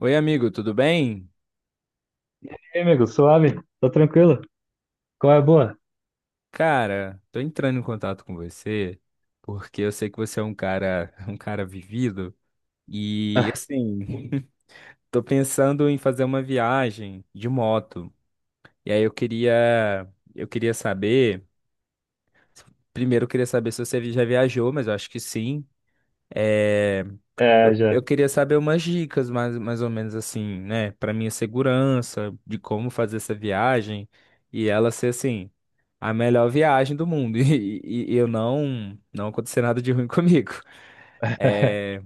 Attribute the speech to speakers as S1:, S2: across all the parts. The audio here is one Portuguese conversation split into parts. S1: Oi, amigo, tudo bem?
S2: E aí, amigo, suave? Tá tranquilo? Qual é a boa?
S1: Cara, tô entrando em contato com você porque eu sei que você é um cara vivido e assim, tô pensando em fazer uma viagem de moto. E aí eu queria saber, primeiro eu queria saber se você já viajou, mas eu acho que sim. É,
S2: É,
S1: eu,
S2: já.
S1: eu queria saber umas dicas, mais ou menos assim, né, pra minha segurança, de como fazer essa viagem e ela ser assim a melhor viagem do mundo. E eu não aconteceu nada de ruim comigo. É,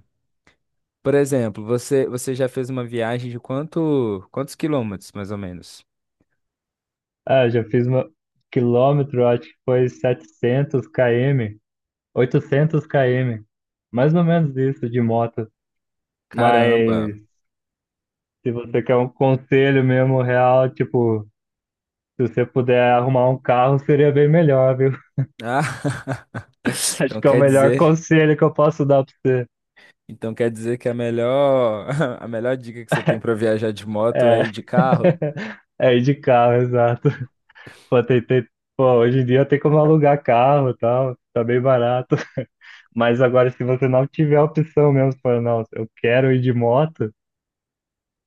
S1: por exemplo, você já fez uma viagem de quantos quilômetros, mais ou menos?
S2: Ah, já fiz uma quilômetro, acho que foi 700 km, 800 km, mais ou menos isso de moto.
S1: Caramba.
S2: Mas se você quer um conselho mesmo real, tipo, se você puder arrumar um carro, seria bem melhor, viu?
S1: Ah,
S2: Acho
S1: então
S2: que é o
S1: quer
S2: melhor
S1: dizer,
S2: conselho que eu posso dar pra você.
S1: então quer dizer que a melhor, a melhor dica que você tem para viajar de moto
S2: É,
S1: é ir de carro?
S2: é ir de carro, exato. Pô, pô, hoje em dia tem como alugar carro e tal, tá bem barato. Mas agora, se você não tiver a opção mesmo, você fala, não, eu quero ir de moto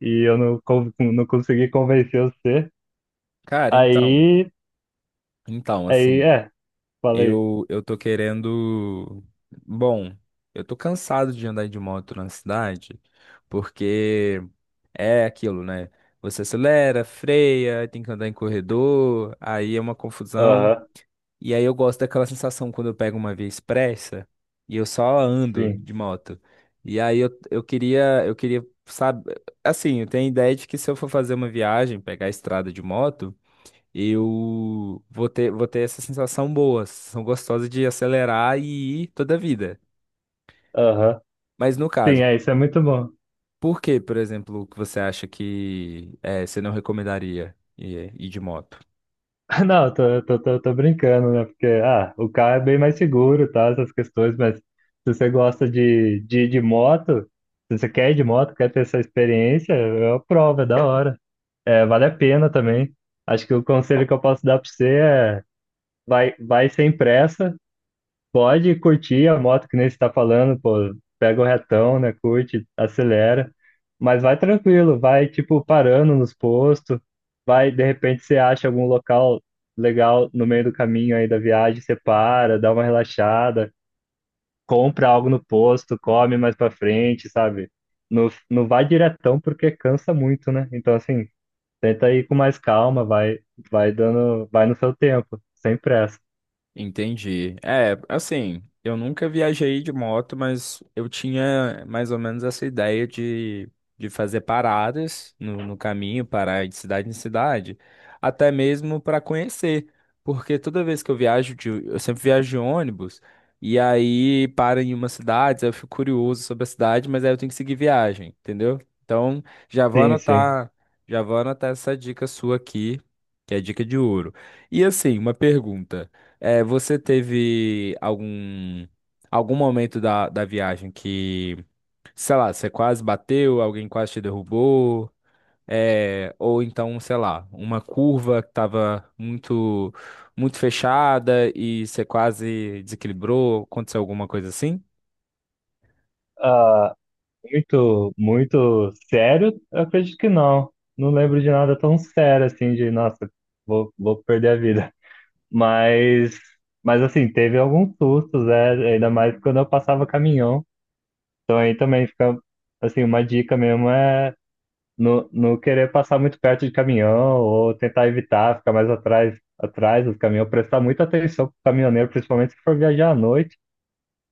S2: e eu não consegui convencer você,
S1: Cara, então,
S2: aí,
S1: então
S2: aí,
S1: assim.
S2: é, falei,
S1: Eu tô querendo. Bom, eu tô cansado de andar de moto na cidade, porque é aquilo, né? Você acelera, freia, tem que andar em corredor, aí é uma confusão.
S2: aham,
S1: E aí eu gosto daquela sensação quando eu pego uma via expressa e eu só ando
S2: sim,
S1: de moto. E aí sabe, assim, eu tenho a ideia de que se eu for fazer uma viagem, pegar a estrada de moto eu vou ter essa sensação boa, sensação gostosa de acelerar e ir toda a vida.
S2: aham,
S1: Mas no
S2: sim,
S1: caso,
S2: é, isso é muito bom.
S1: por exemplo, que você acha que você não recomendaria ir de moto?
S2: Não, tô brincando, né? Porque, ah, o carro é bem mais seguro, tá? Essas questões, mas se você gosta de, ir de moto, se você quer ir de moto, quer ter essa experiência, eu aprovo, é da hora. É, vale a pena também. Acho que o conselho que eu posso dar pra você é vai, vai sem pressa, pode curtir a moto que nem você está falando, pô, pega o retão, né? Curte, acelera, mas vai tranquilo, vai tipo parando nos postos, vai, de repente você acha algum local legal no meio do caminho aí da viagem, você para, dá uma relaxada, compra algo no posto, come mais pra frente, sabe? Não, não vai diretão porque cansa muito, né? Então assim, tenta ir com mais calma, vai, vai dando, vai no seu tempo, sem pressa.
S1: Entendi. É, assim, eu nunca viajei de moto, mas eu tinha mais ou menos essa ideia de fazer paradas no caminho, parar de cidade em cidade, até mesmo para conhecer. Porque toda vez que eu eu sempre viajo de ônibus, e aí para em uma cidade, aí eu fico curioso sobre a cidade, mas aí eu tenho que seguir viagem, entendeu? Então,
S2: Sim, sim.
S1: já vou anotar essa dica sua aqui, que é a dica de ouro. E assim, uma pergunta. É, você teve algum momento da, da viagem que, sei lá, você quase bateu, alguém quase te derrubou, é, ou então, sei lá, uma curva que estava muito fechada e você quase desequilibrou, aconteceu alguma coisa assim?
S2: ah Muito, muito sério? Eu acredito que não. Não lembro de nada tão sério assim, de nossa, vou perder a vida. Mas, mas assim, teve alguns sustos, é, ainda mais quando eu passava caminhão. Então aí também fica, assim, uma dica mesmo é não, não querer passar muito perto de caminhão ou tentar evitar, ficar mais atrás, atrás dos caminhões, prestar muita atenção pro caminhoneiro, principalmente se for viajar à noite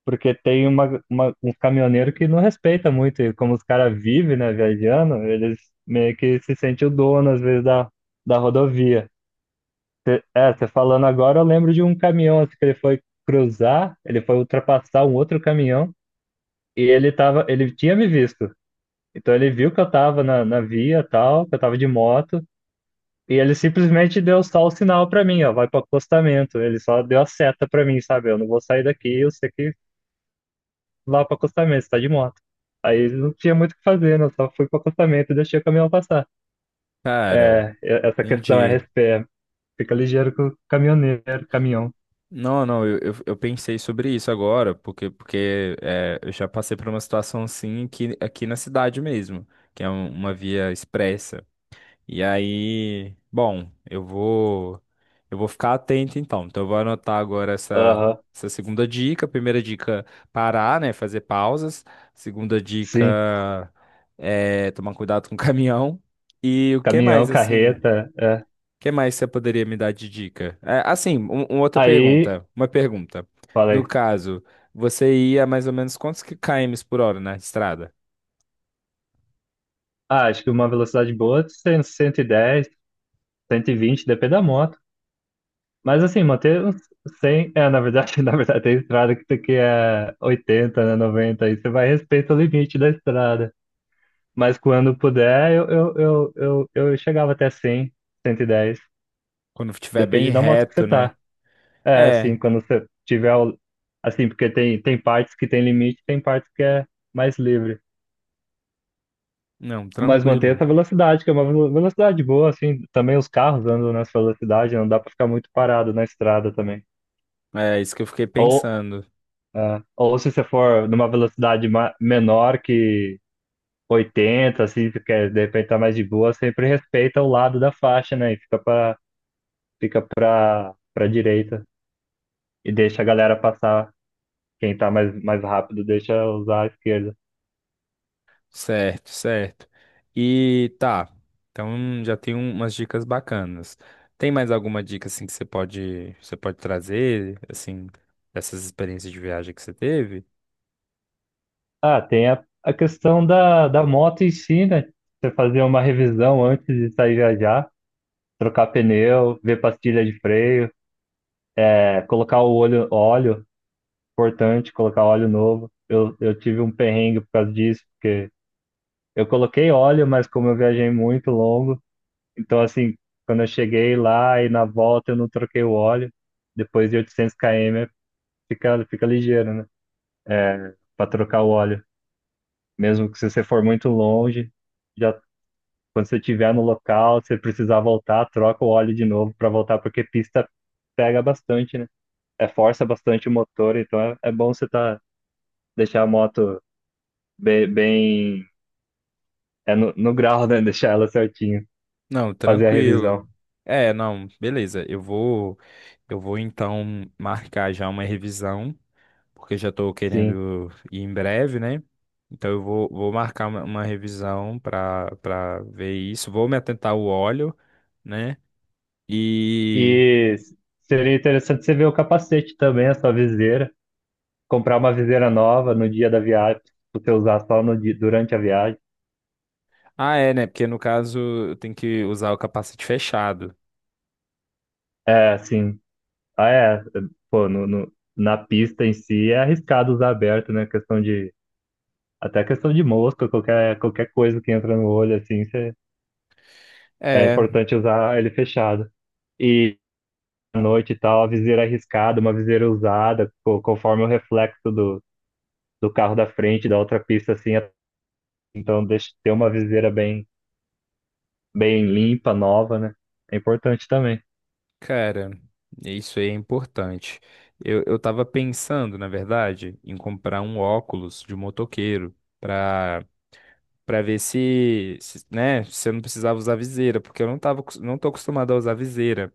S2: porque tem uns caminhoneiros que não respeita muito, e como os caras vivem, né, viajando, eles meio que se sentem o dono, às vezes, da, rodovia. Você falando agora, eu lembro de um caminhão assim, que ele foi ultrapassar um outro caminhão, e ele tinha me visto. Então ele viu que eu tava na, via tal, que eu tava de moto, e ele simplesmente deu só o sinal pra mim, ó, vai pro acostamento. Ele só deu a seta pra mim, sabe? Eu não vou sair daqui, eu sei que lá pro acostamento, você tá de moto. Aí não tinha muito o que fazer, né? Eu só fui pro acostamento e deixei o caminhão passar.
S1: Cara,
S2: É, essa questão é
S1: entendi.
S2: respeito. Fica ligeiro com o caminhoneiro, caminhão.
S1: Não, não, eu pensei sobre isso agora, porque é, eu já passei por uma situação assim aqui, aqui na cidade mesmo, que é uma via expressa. E aí, bom, eu vou ficar atento então. Então eu vou anotar agora
S2: Aham,
S1: essa segunda dica. Primeira dica, parar, né, fazer pausas. Segunda
S2: sim.
S1: dica é tomar cuidado com o caminhão. E o que
S2: Caminhão,
S1: mais assim? O
S2: carreta, é.
S1: que mais você poderia me dar de dica? É, assim, uma outra
S2: Aí,
S1: pergunta, uma pergunta. No
S2: falei,
S1: caso, você ia mais ou menos quantos km por hora na estrada?
S2: acho que uma velocidade boa, é 100, 110, 120 depende da moto. Mas assim, manter uns 100, é, na verdade, na verdade, tem estrada que tem que é 80, né, 90, aí você vai respeitar o limite da estrada. Mas quando puder, eu chegava até 100 110.
S1: Quando estiver bem
S2: Depende da moto que
S1: reto,
S2: você
S1: né?
S2: tá. É, assim,
S1: É,
S2: quando você tiver. Assim, porque tem partes que tem limite, tem partes que é mais livre.
S1: não,
S2: Mas manter
S1: tranquilo.
S2: essa velocidade, que é uma velocidade boa, assim. Também os carros andam nessa velocidade, não dá pra ficar muito parado na estrada também.
S1: É isso que eu fiquei
S2: Ou,
S1: pensando.
S2: ou se você for numa velocidade menor que 80 assim, porque de repente tá mais de boa, sempre respeita o lado da faixa, né? E fica pra direita e deixa a galera passar. Quem tá mais rápido deixa usar a esquerda.
S1: Certo, certo. E tá. Então já tem umas dicas bacanas. Tem mais alguma dica assim que você pode trazer, assim, dessas experiências de viagem que você teve?
S2: Ah, tem a questão da moto em si, né? Você fazer uma revisão antes de sair viajar, trocar pneu, ver pastilha de freio, colocar o óleo, importante, colocar óleo novo. Eu tive um perrengue por causa disso, porque eu coloquei óleo, mas como eu viajei muito longo, então assim, quando eu cheguei lá e na volta eu não troquei o óleo, depois de 800 km fica ligeiro, né? É, para trocar o óleo. Mesmo que se você for muito longe, já quando você estiver no local, se você precisar voltar, troca o óleo de novo para voltar, porque pista pega bastante, né? É, força bastante o motor, então é bom você tá, deixar a moto bem, bem é no grau, né? Deixar ela certinho,
S1: Não,
S2: fazer a
S1: tranquilo.
S2: revisão.
S1: É, não, beleza. Eu vou então marcar já uma revisão, porque já estou
S2: Sim.
S1: querendo ir em breve, né? Então vou marcar uma revisão para ver isso. Vou me atentar ao óleo, né? E.
S2: E seria interessante você ver o capacete também, a sua viseira. Comprar uma viseira nova no dia da viagem, pra você usar só no, dia- durante a viagem.
S1: Ah, é, né? Porque no caso eu tenho que usar o capacete fechado.
S2: É, sim. Ah, é. Pô, na pista em si é arriscado usar aberto, né? Questão de. Até questão de mosca, qualquer coisa que entra no olho, assim, é
S1: É,
S2: importante usar ele fechado. E à noite e tal, a viseira arriscada, uma viseira usada, conforme o reflexo do, carro da frente, da outra pista, assim. Então, deixa ter uma viseira bem, bem limpa, nova, né? É importante também.
S1: cara, isso aí é importante. Eu tava pensando, na verdade, em comprar um óculos de motoqueiro pra, pra ver se, se, né, se eu não precisava usar viseira, porque eu não não tô acostumado a usar viseira.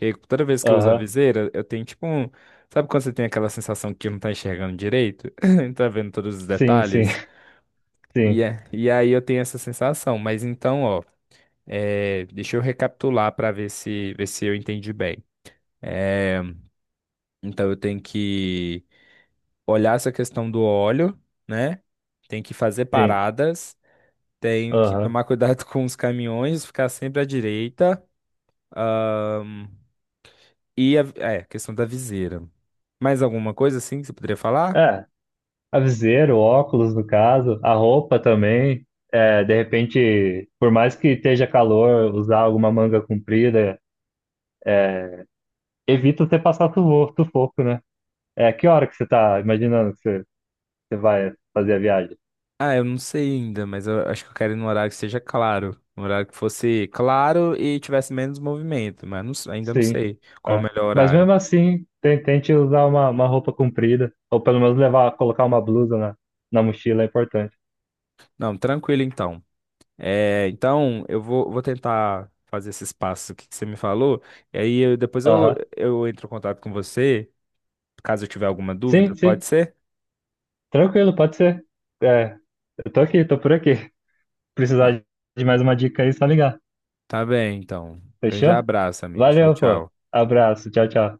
S1: E toda vez que eu uso a
S2: Aham.
S1: viseira, eu tenho tipo um. Sabe quando você tem aquela sensação que não tá enxergando direito? Não tá vendo todos os
S2: Sim, sim,
S1: detalhes?
S2: sim,
S1: E aí eu tenho essa sensação. Mas então, ó, é, deixa eu recapitular para ver se eu entendi bem. É, então eu tenho que olhar essa questão do óleo, né? Tenho que fazer
S2: sim.
S1: paradas, tenho que
S2: Aham.
S1: tomar cuidado com os caminhões, ficar sempre à direita. E a, é, questão da viseira. Mais alguma coisa assim que você poderia falar?
S2: É, Aviseiro, óculos, no caso, a roupa também. É, de repente, por mais que esteja calor, usar alguma manga comprida, evita você passar sufoco, sufoco, né? É, que hora que você tá imaginando que você vai fazer a viagem?
S1: Ah, eu não sei ainda, mas eu acho que eu quero ir num horário que seja claro. Um horário que fosse claro e tivesse menos movimento, mas ainda não
S2: Sim.
S1: sei qual é o
S2: É.
S1: melhor
S2: Mas
S1: horário.
S2: mesmo assim, tente usar uma, roupa comprida, ou pelo menos levar, colocar uma blusa na, mochila, é importante.
S1: Não, tranquilo então. É, então, vou tentar fazer esses passos que você me falou, e depois
S2: Aham.
S1: eu entro em contato com você, caso eu tiver alguma dúvida,
S2: Sim, sim.
S1: pode ser?
S2: Tranquilo, pode ser. É, eu tô aqui, tô por aqui.
S1: Ah,
S2: Precisar de mais uma dica aí, só ligar.
S1: tá bem, então. Grande
S2: Fechou?
S1: abraço, amigo. Tchau,
S2: Valeu, pô.
S1: tchau.
S2: Abraço. Tchau, tchau.